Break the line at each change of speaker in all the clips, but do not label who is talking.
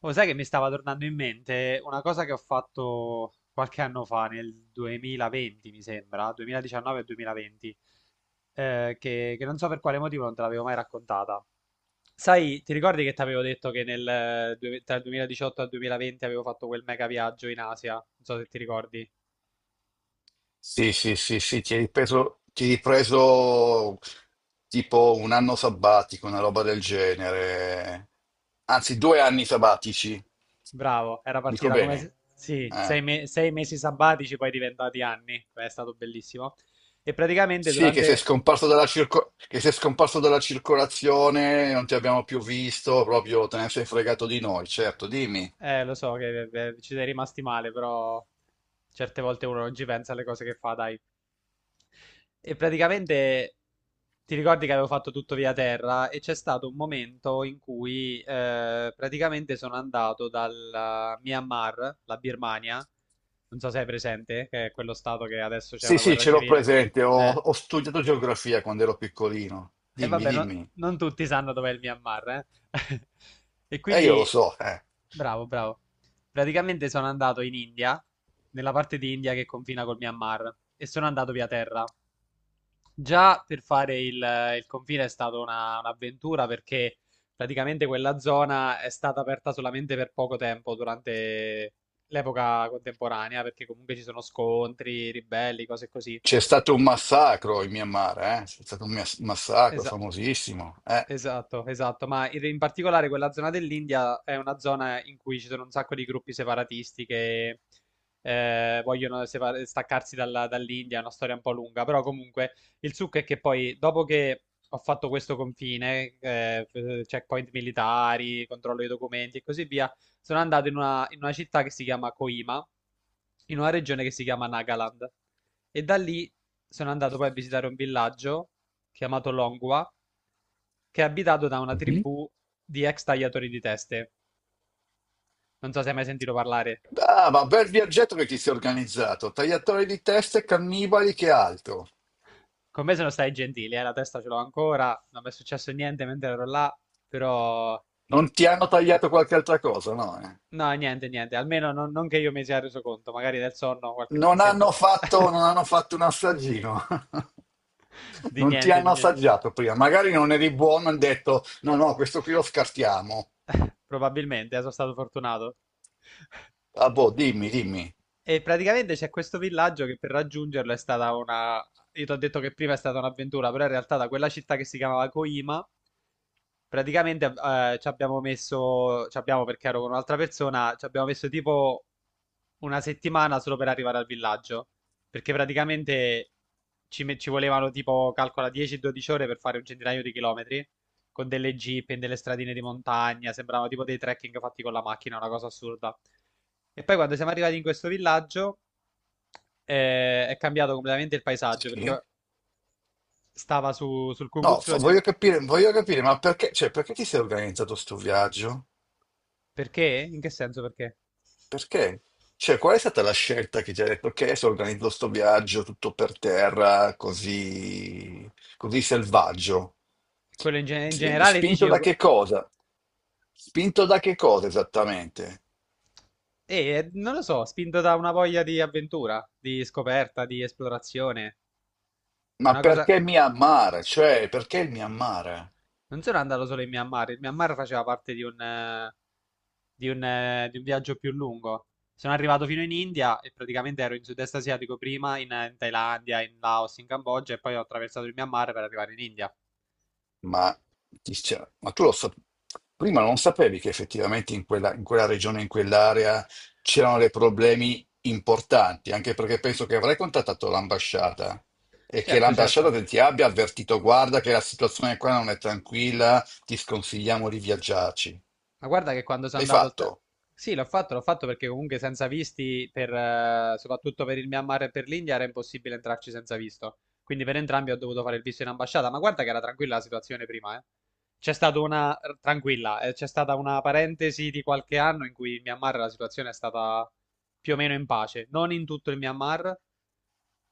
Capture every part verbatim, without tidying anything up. Oh, sai che mi stava tornando in mente una cosa che ho fatto qualche anno fa, nel duemilaventi mi sembra, duemiladiciannove e duemilaventi, eh, che, che non so per quale motivo non te l'avevo mai raccontata. Sai, ti ricordi che ti avevo detto che nel, eh, due- tra il duemiladiciotto e il duemilaventi avevo fatto quel mega viaggio in Asia? Non so se ti ricordi.
Sì, sì, sì, sì, ti hai ripreso, ti hai ripreso tipo un anno sabbatico, una roba del genere. Anzi, due anni sabbatici.
Bravo, era
Dico
partita come,
bene.
se- sì,
Eh.
sei, me- sei mesi sabbatici, poi diventati anni. Beh, è stato bellissimo. E praticamente
Sì, che sei
durante.
scomparso dalla circo- che sei scomparso dalla circolazione, non ti abbiamo più visto, proprio te ne sei fregato di noi, certo, dimmi.
Eh, lo so che eh, eh, ci sei rimasti male, però certe volte uno non ci pensa alle cose che fa, dai. E praticamente ti ricordi che avevo fatto tutto via terra e c'è stato un momento in cui eh, praticamente sono andato dal Myanmar, la Birmania, non so se è presente, che è quello stato che adesso c'è
Sì,
una
sì,
guerra
ce l'ho
civile.
presente, ho,
Eh,
ho studiato geografia quando ero piccolino.
e
Dimmi,
vabbè, no-
dimmi.
non tutti sanno dov'è il Myanmar, eh. E
E io lo
quindi.
so, eh.
Bravo, bravo. Praticamente sono andato in India, nella parte di India che confina col Myanmar, e sono andato via terra. Già per fare il, il confine è stata una- un'avventura perché praticamente quella zona è stata aperta solamente per poco tempo durante l'epoca contemporanea, perché comunque ci sono scontri, ribelli, cose così.
C'è stato un massacro in Myanmar, eh? C'è stato un mas- massacro
Esatto.
famosissimo, eh?
Esatto, esatto, ma in, in particolare quella zona dell'India è una zona in cui ci sono un sacco di gruppi separatisti che eh, vogliono separ- staccarsi dalla- dall'India, è una storia un po' lunga, però comunque il succo è che poi dopo che ho fatto questo confine, eh, checkpoint militari, controllo dei documenti e così via, sono andato in una, in una città che si chiama Coima, in una regione che si chiama Nagaland e da lì sono andato poi a visitare un villaggio chiamato Longwa che è abitato da una
Mhm.
tribù di ex tagliatori di teste. Non so se hai mai sentito parlare.
Ah, ma bel viaggetto che ti sei organizzato. Tagliatori di teste, cannibali, che altro?
Con me sono stati gentili, eh, la testa ce l'ho ancora, non mi è successo niente mentre ero là, però.
Non ti hanno tagliato qualche altra cosa, no? Eh?
No, niente, niente, almeno non, non che io mi sia reso conto, magari nel sonno qualche
Non
pezzetto
hanno fatto, non hanno fatto un assaggino.
di
Non ti
niente, di
hanno
niente.
assaggiato prima. Magari non eri buono, hanno detto, no, no, questo qui lo scartiamo.
Probabilmente, eh, sono stato fortunato.
Ah, boh, dimmi, dimmi.
E praticamente c'è questo villaggio che per raggiungerlo è stata una. Io ti ho detto che prima è stata un'avventura, però in realtà da quella città che si chiamava Koima, praticamente eh, ci abbiamo messo, ci abbiamo perché ero con un'altra persona, ci abbiamo messo tipo una settimana solo per arrivare al villaggio, perché praticamente ci, me- ci volevano tipo, calcola dieci dodici ore per fare un centinaio di chilometri, con delle jeep in delle stradine di montagna, sembravano tipo dei trekking fatti con la macchina, una cosa assurda. E poi quando siamo arrivati in questo villaggio eh, è cambiato completamente il paesaggio, perché
Sì?
stava su- sul
No,
cucuzzolo
fa-
di.
voglio capire, voglio capire, ma perché, cioè, perché ti sei organizzato sto viaggio?
Perché? In che senso perché?
Perché? Cioè, qual è stata la scelta che ti ha detto, ok, adesso organizzo sto viaggio tutto per terra, così, così selvaggio?
Quello in, ge- in generale dici.
Spinto da
io-
che cosa? Spinto da che cosa esattamente?
Eh, non lo so, spinto da una voglia di avventura, di scoperta, di esplorazione. È
Ma
una cosa.
perché mi amare? Cioè, perché il Myanmar?
Non sono andato solo in Myanmar. Il Myanmar faceva parte di un, eh, di un, eh, di un viaggio più lungo. Sono arrivato fino in India e praticamente ero in sud-est asiatico prima, in, eh, in Thailandia, in Laos, in Cambogia e poi ho attraversato il Myanmar per arrivare in India.
Ma, ti stia- ma tu lo sa- prima non sapevi che effettivamente in quella, in quella regione, in quell'area c'erano dei problemi importanti, anche perché penso che avrai contattato l'ambasciata e che
Certo,
l'ambasciata
certo.
te- ti abbia avvertito, guarda che la situazione qua non è tranquilla, ti sconsigliamo di viaggiarci.
Ma guarda che quando sono
L'hai
andato al te-.
fatto?
Sì, l'ho fatto, l'ho fatto perché comunque senza visti, per, eh, soprattutto per il Myanmar e per l'India, era impossibile entrarci senza visto. Quindi per entrambi ho dovuto fare il visto in ambasciata. Ma guarda che era tranquilla la situazione prima, eh. C'è stata una, tranquilla, eh, c'è stata una parentesi di qualche anno in cui in Myanmar la situazione è stata più o meno in pace. Non in tutto il Myanmar,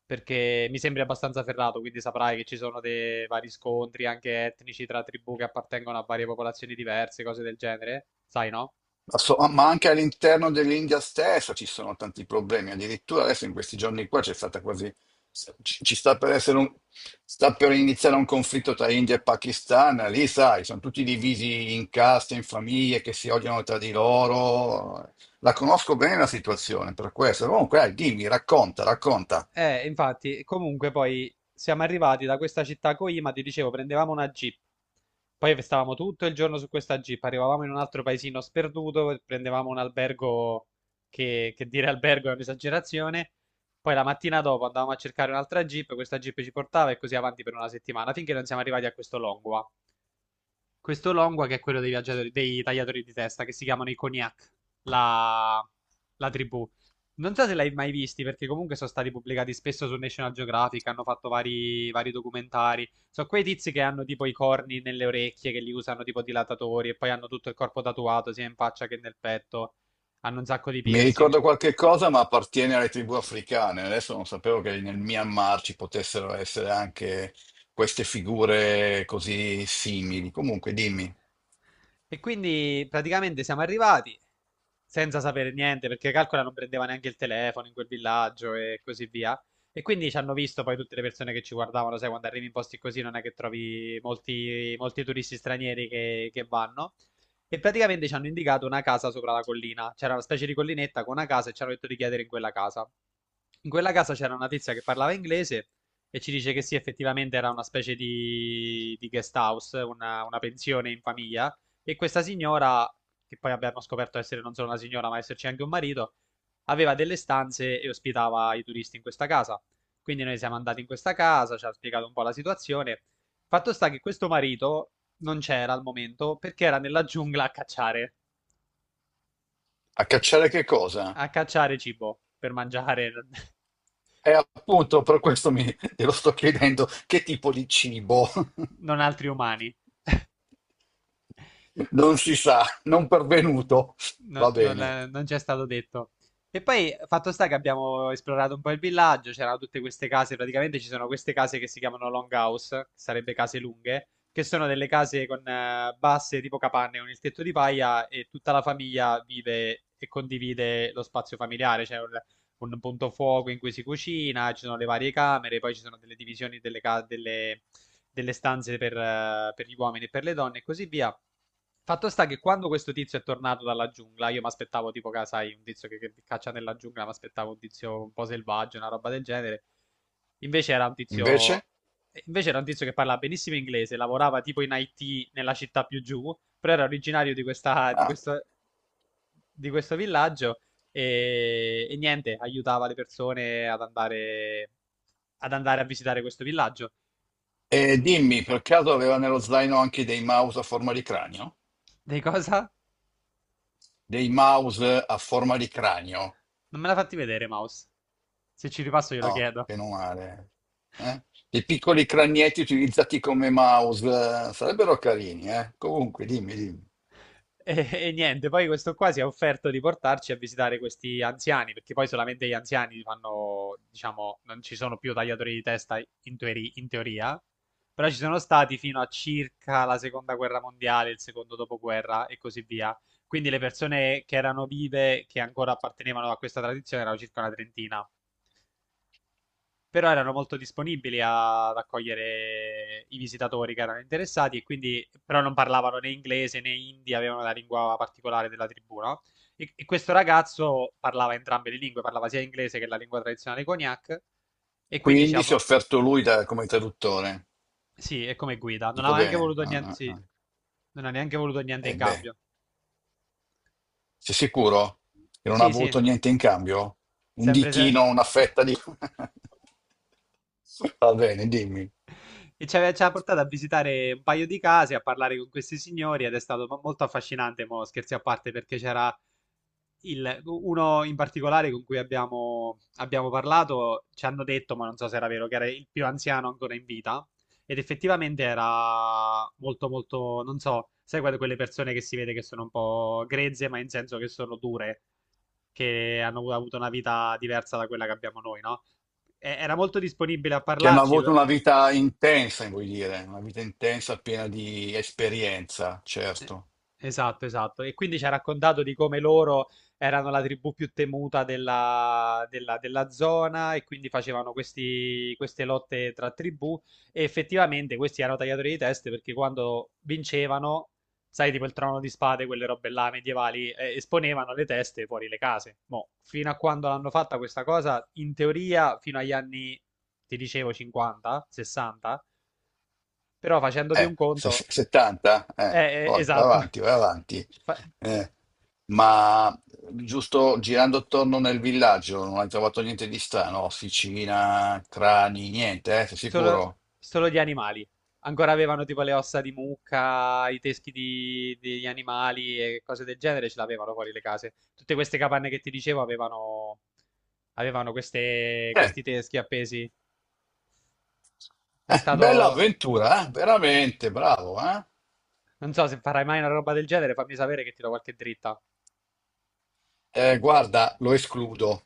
perché mi sembri abbastanza ferrato, quindi saprai che ci sono dei vari scontri anche etnici tra tribù che appartengono a varie popolazioni diverse, cose del genere, sai, no?
Ma, so- ma anche all'interno dell'India stessa ci sono tanti problemi. Addirittura adesso in questi giorni qua c'è stata quasi. Ci, ci sta per essere un, sta per iniziare un conflitto tra India e Pakistan. Lì, sai, sono tutti divisi in caste, in famiglie che si odiano tra di loro. La conosco bene la situazione per questo. Comunque, dai, dimmi, racconta, racconta.
Eh, infatti, comunque poi siamo arrivati da questa città Coima, ti dicevo, prendevamo una jeep, poi stavamo tutto il giorno su questa jeep, arrivavamo in un altro paesino sperduto, prendevamo un albergo che, che dire albergo è un'esagerazione, poi la mattina dopo andavamo a cercare un'altra jeep, questa jeep ci portava e così avanti per una settimana, finché non siamo arrivati a questo Longua. Questo longua che è quello dei, viaggiatori- dei tagliatori di testa, che si chiamano i Cognac, la, la tribù. Non so se l'hai mai visti, perché comunque sono stati pubblicati spesso su National Geographic, hanno fatto vari, vari documentari. Sono quei tizi che hanno tipo i corni nelle orecchie, che li usano tipo dilatatori, e poi hanno tutto il corpo tatuato, sia in faccia che nel petto. Hanno un sacco di
Mi
piercing.
ricordo qualche cosa, ma appartiene alle tribù africane. Adesso non sapevo che nel Myanmar ci potessero essere anche queste figure così simili. Comunque, dimmi,
E quindi praticamente siamo arrivati, senza sapere niente, perché calcola non prendeva neanche il telefono in quel villaggio e così via. E quindi ci hanno visto poi tutte le persone che ci guardavano, sai, quando arrivi in posti così non è che trovi molti, molti turisti stranieri che, che vanno. E praticamente ci hanno indicato una casa sopra la collina. C'era una specie di collinetta con una casa e ci hanno detto di chiedere in quella casa. In quella casa c'era una tizia che parlava inglese e ci dice che sì, effettivamente era una specie di, di guest house, una, una pensione in famiglia. E questa signora che poi abbiamo scoperto essere non solo una signora, ma esserci anche un marito, aveva delle stanze e ospitava i turisti in questa casa. Quindi noi siamo andati in questa casa, ci ha spiegato un po' la situazione. Fatto sta che questo marito non c'era al momento perché era nella giungla a cacciare,
a cacciare che cosa?
a cacciare cibo per mangiare
E appunto per questo mi, te lo sto chiedendo, che tipo di cibo?
non altri umani.
Non si sa, non pervenuto.
No-
Va
non,
bene.
è- non ci è stato detto. E poi, fatto sta che abbiamo esplorato un po' il villaggio, c'erano tutte queste case, praticamente ci sono queste case che si chiamano longhouse, che sarebbe case lunghe, che sono delle case con eh, basse tipo capanne, con il tetto di paia e tutta la famiglia vive e condivide lo spazio familiare, c'è un, un punto fuoco in cui si cucina, ci sono le varie camere, poi ci sono delle divisioni delle, ca- delle- delle stanze per eh, per gli uomini e per le donne e così via. Fatto sta che quando questo tizio è tornato dalla giungla, io mi aspettavo tipo, ca- sai, un tizio che, che caccia nella giungla, mi aspettavo un tizio un po' selvaggio, una roba del genere. Invece era un
Invece?
tizio, invece era un tizio che parlava benissimo inglese, lavorava tipo in ai ti nella città più giù, però era originario di questa, di
Ah,
questo, di questo villaggio e, e niente, aiutava le persone ad andare, ad andare a visitare questo villaggio.
e dimmi, per caso aveva nello zaino anche dei mouse a forma di cranio?
Dei cosa?
Dei mouse a forma di cranio?
Non me l'ha fatti vedere, Mouse. Se ci ripasso glielo
No,
chiedo.
meno male. Eh. I piccoli cranietti utilizzati come mouse eh, sarebbero carini, eh. Comunque, dimmi, dimmi.
E, e niente, poi questo qua si è offerto di portarci a visitare questi anziani, perché poi solamente gli anziani fanno, diciamo, non ci sono più tagliatori di testa in, teori- in teoria, però ci sono stati fino a circa la seconda guerra mondiale, il secondo dopoguerra e così via. Quindi le persone che erano vive, che ancora appartenevano a questa tradizione, erano circa una trentina però erano molto disponibili a- ad accogliere i visitatori che erano interessati e quindi però non parlavano né inglese né hindi, avevano la lingua particolare della tribù, no? E, e questo ragazzo parlava entrambe le lingue, parlava sia inglese che la lingua tradizionale cognac e quindi
Quindi si è
diciamo,
offerto lui da- come traduttore.
sì, è come guida, non
Dico
aveva neanche
bene.
voluto
Ah,
niente,
ah,
sì,
ah.
non ha neanche voluto niente
E
in
beh,
cambio.
sei sicuro che non ha
Sì, sì,
avuto niente in cambio? Un
sempre se.
ditino, una fetta di... Va bene, dimmi.
E ci aveva ci ha portato a visitare un paio di case, a parlare con questi signori ed è stato mo- molto affascinante, mo, scherzi a parte, perché c'era il- uno in particolare con cui abbiamo, abbiamo parlato, ci hanno detto, ma non so se era vero, che era il più anziano ancora in vita ed effettivamente era molto molto, non so, sai quelle quelle persone che si vede che sono un po' grezze, ma in senso che sono dure, che hanno avuto una vita diversa da quella che abbiamo noi, no? e- era molto disponibile a
Che hanno
parlarci.
avuto una vita intensa, vuoi dire, una vita intensa piena di esperienza,
Eh,
certo.
Esatto, esatto. E quindi ci ha raccontato di come loro erano la tribù più temuta della, della- della zona e quindi facevano questi- queste lotte tra tribù e effettivamente questi erano tagliatori di teste perché quando vincevano, sai, tipo il trono di spade, quelle robe là medievali, eh, esponevano le teste fuori le case. Mo, fino a quando l'hanno fatta questa cosa, in teoria fino agli anni, ti dicevo, cinquanta, sessanta, però facendoti un
Eh, se-
conto
se- settanta? Eh,
eh, eh,
poi vai
esatto.
avanti, vai avanti.
Fa-
Eh, ma giusto girando attorno nel villaggio non hai trovato niente di strano? Officina, crani, niente, eh, sei
Solo,
sicuro?
solo di animali. Ancora avevano tipo le ossa di mucca, i teschi di- degli animali e cose del genere, ce l'avevano fuori le case. Tutte queste capanne che ti dicevo avevano, avevano queste-
Eh,
questi teschi appesi. È
eh, bella
stato.
avventura, eh, veramente, bravo, eh?
Non so se farai mai una roba del genere, fammi sapere che ti do qualche dritta.
Eh, guarda, lo escludo.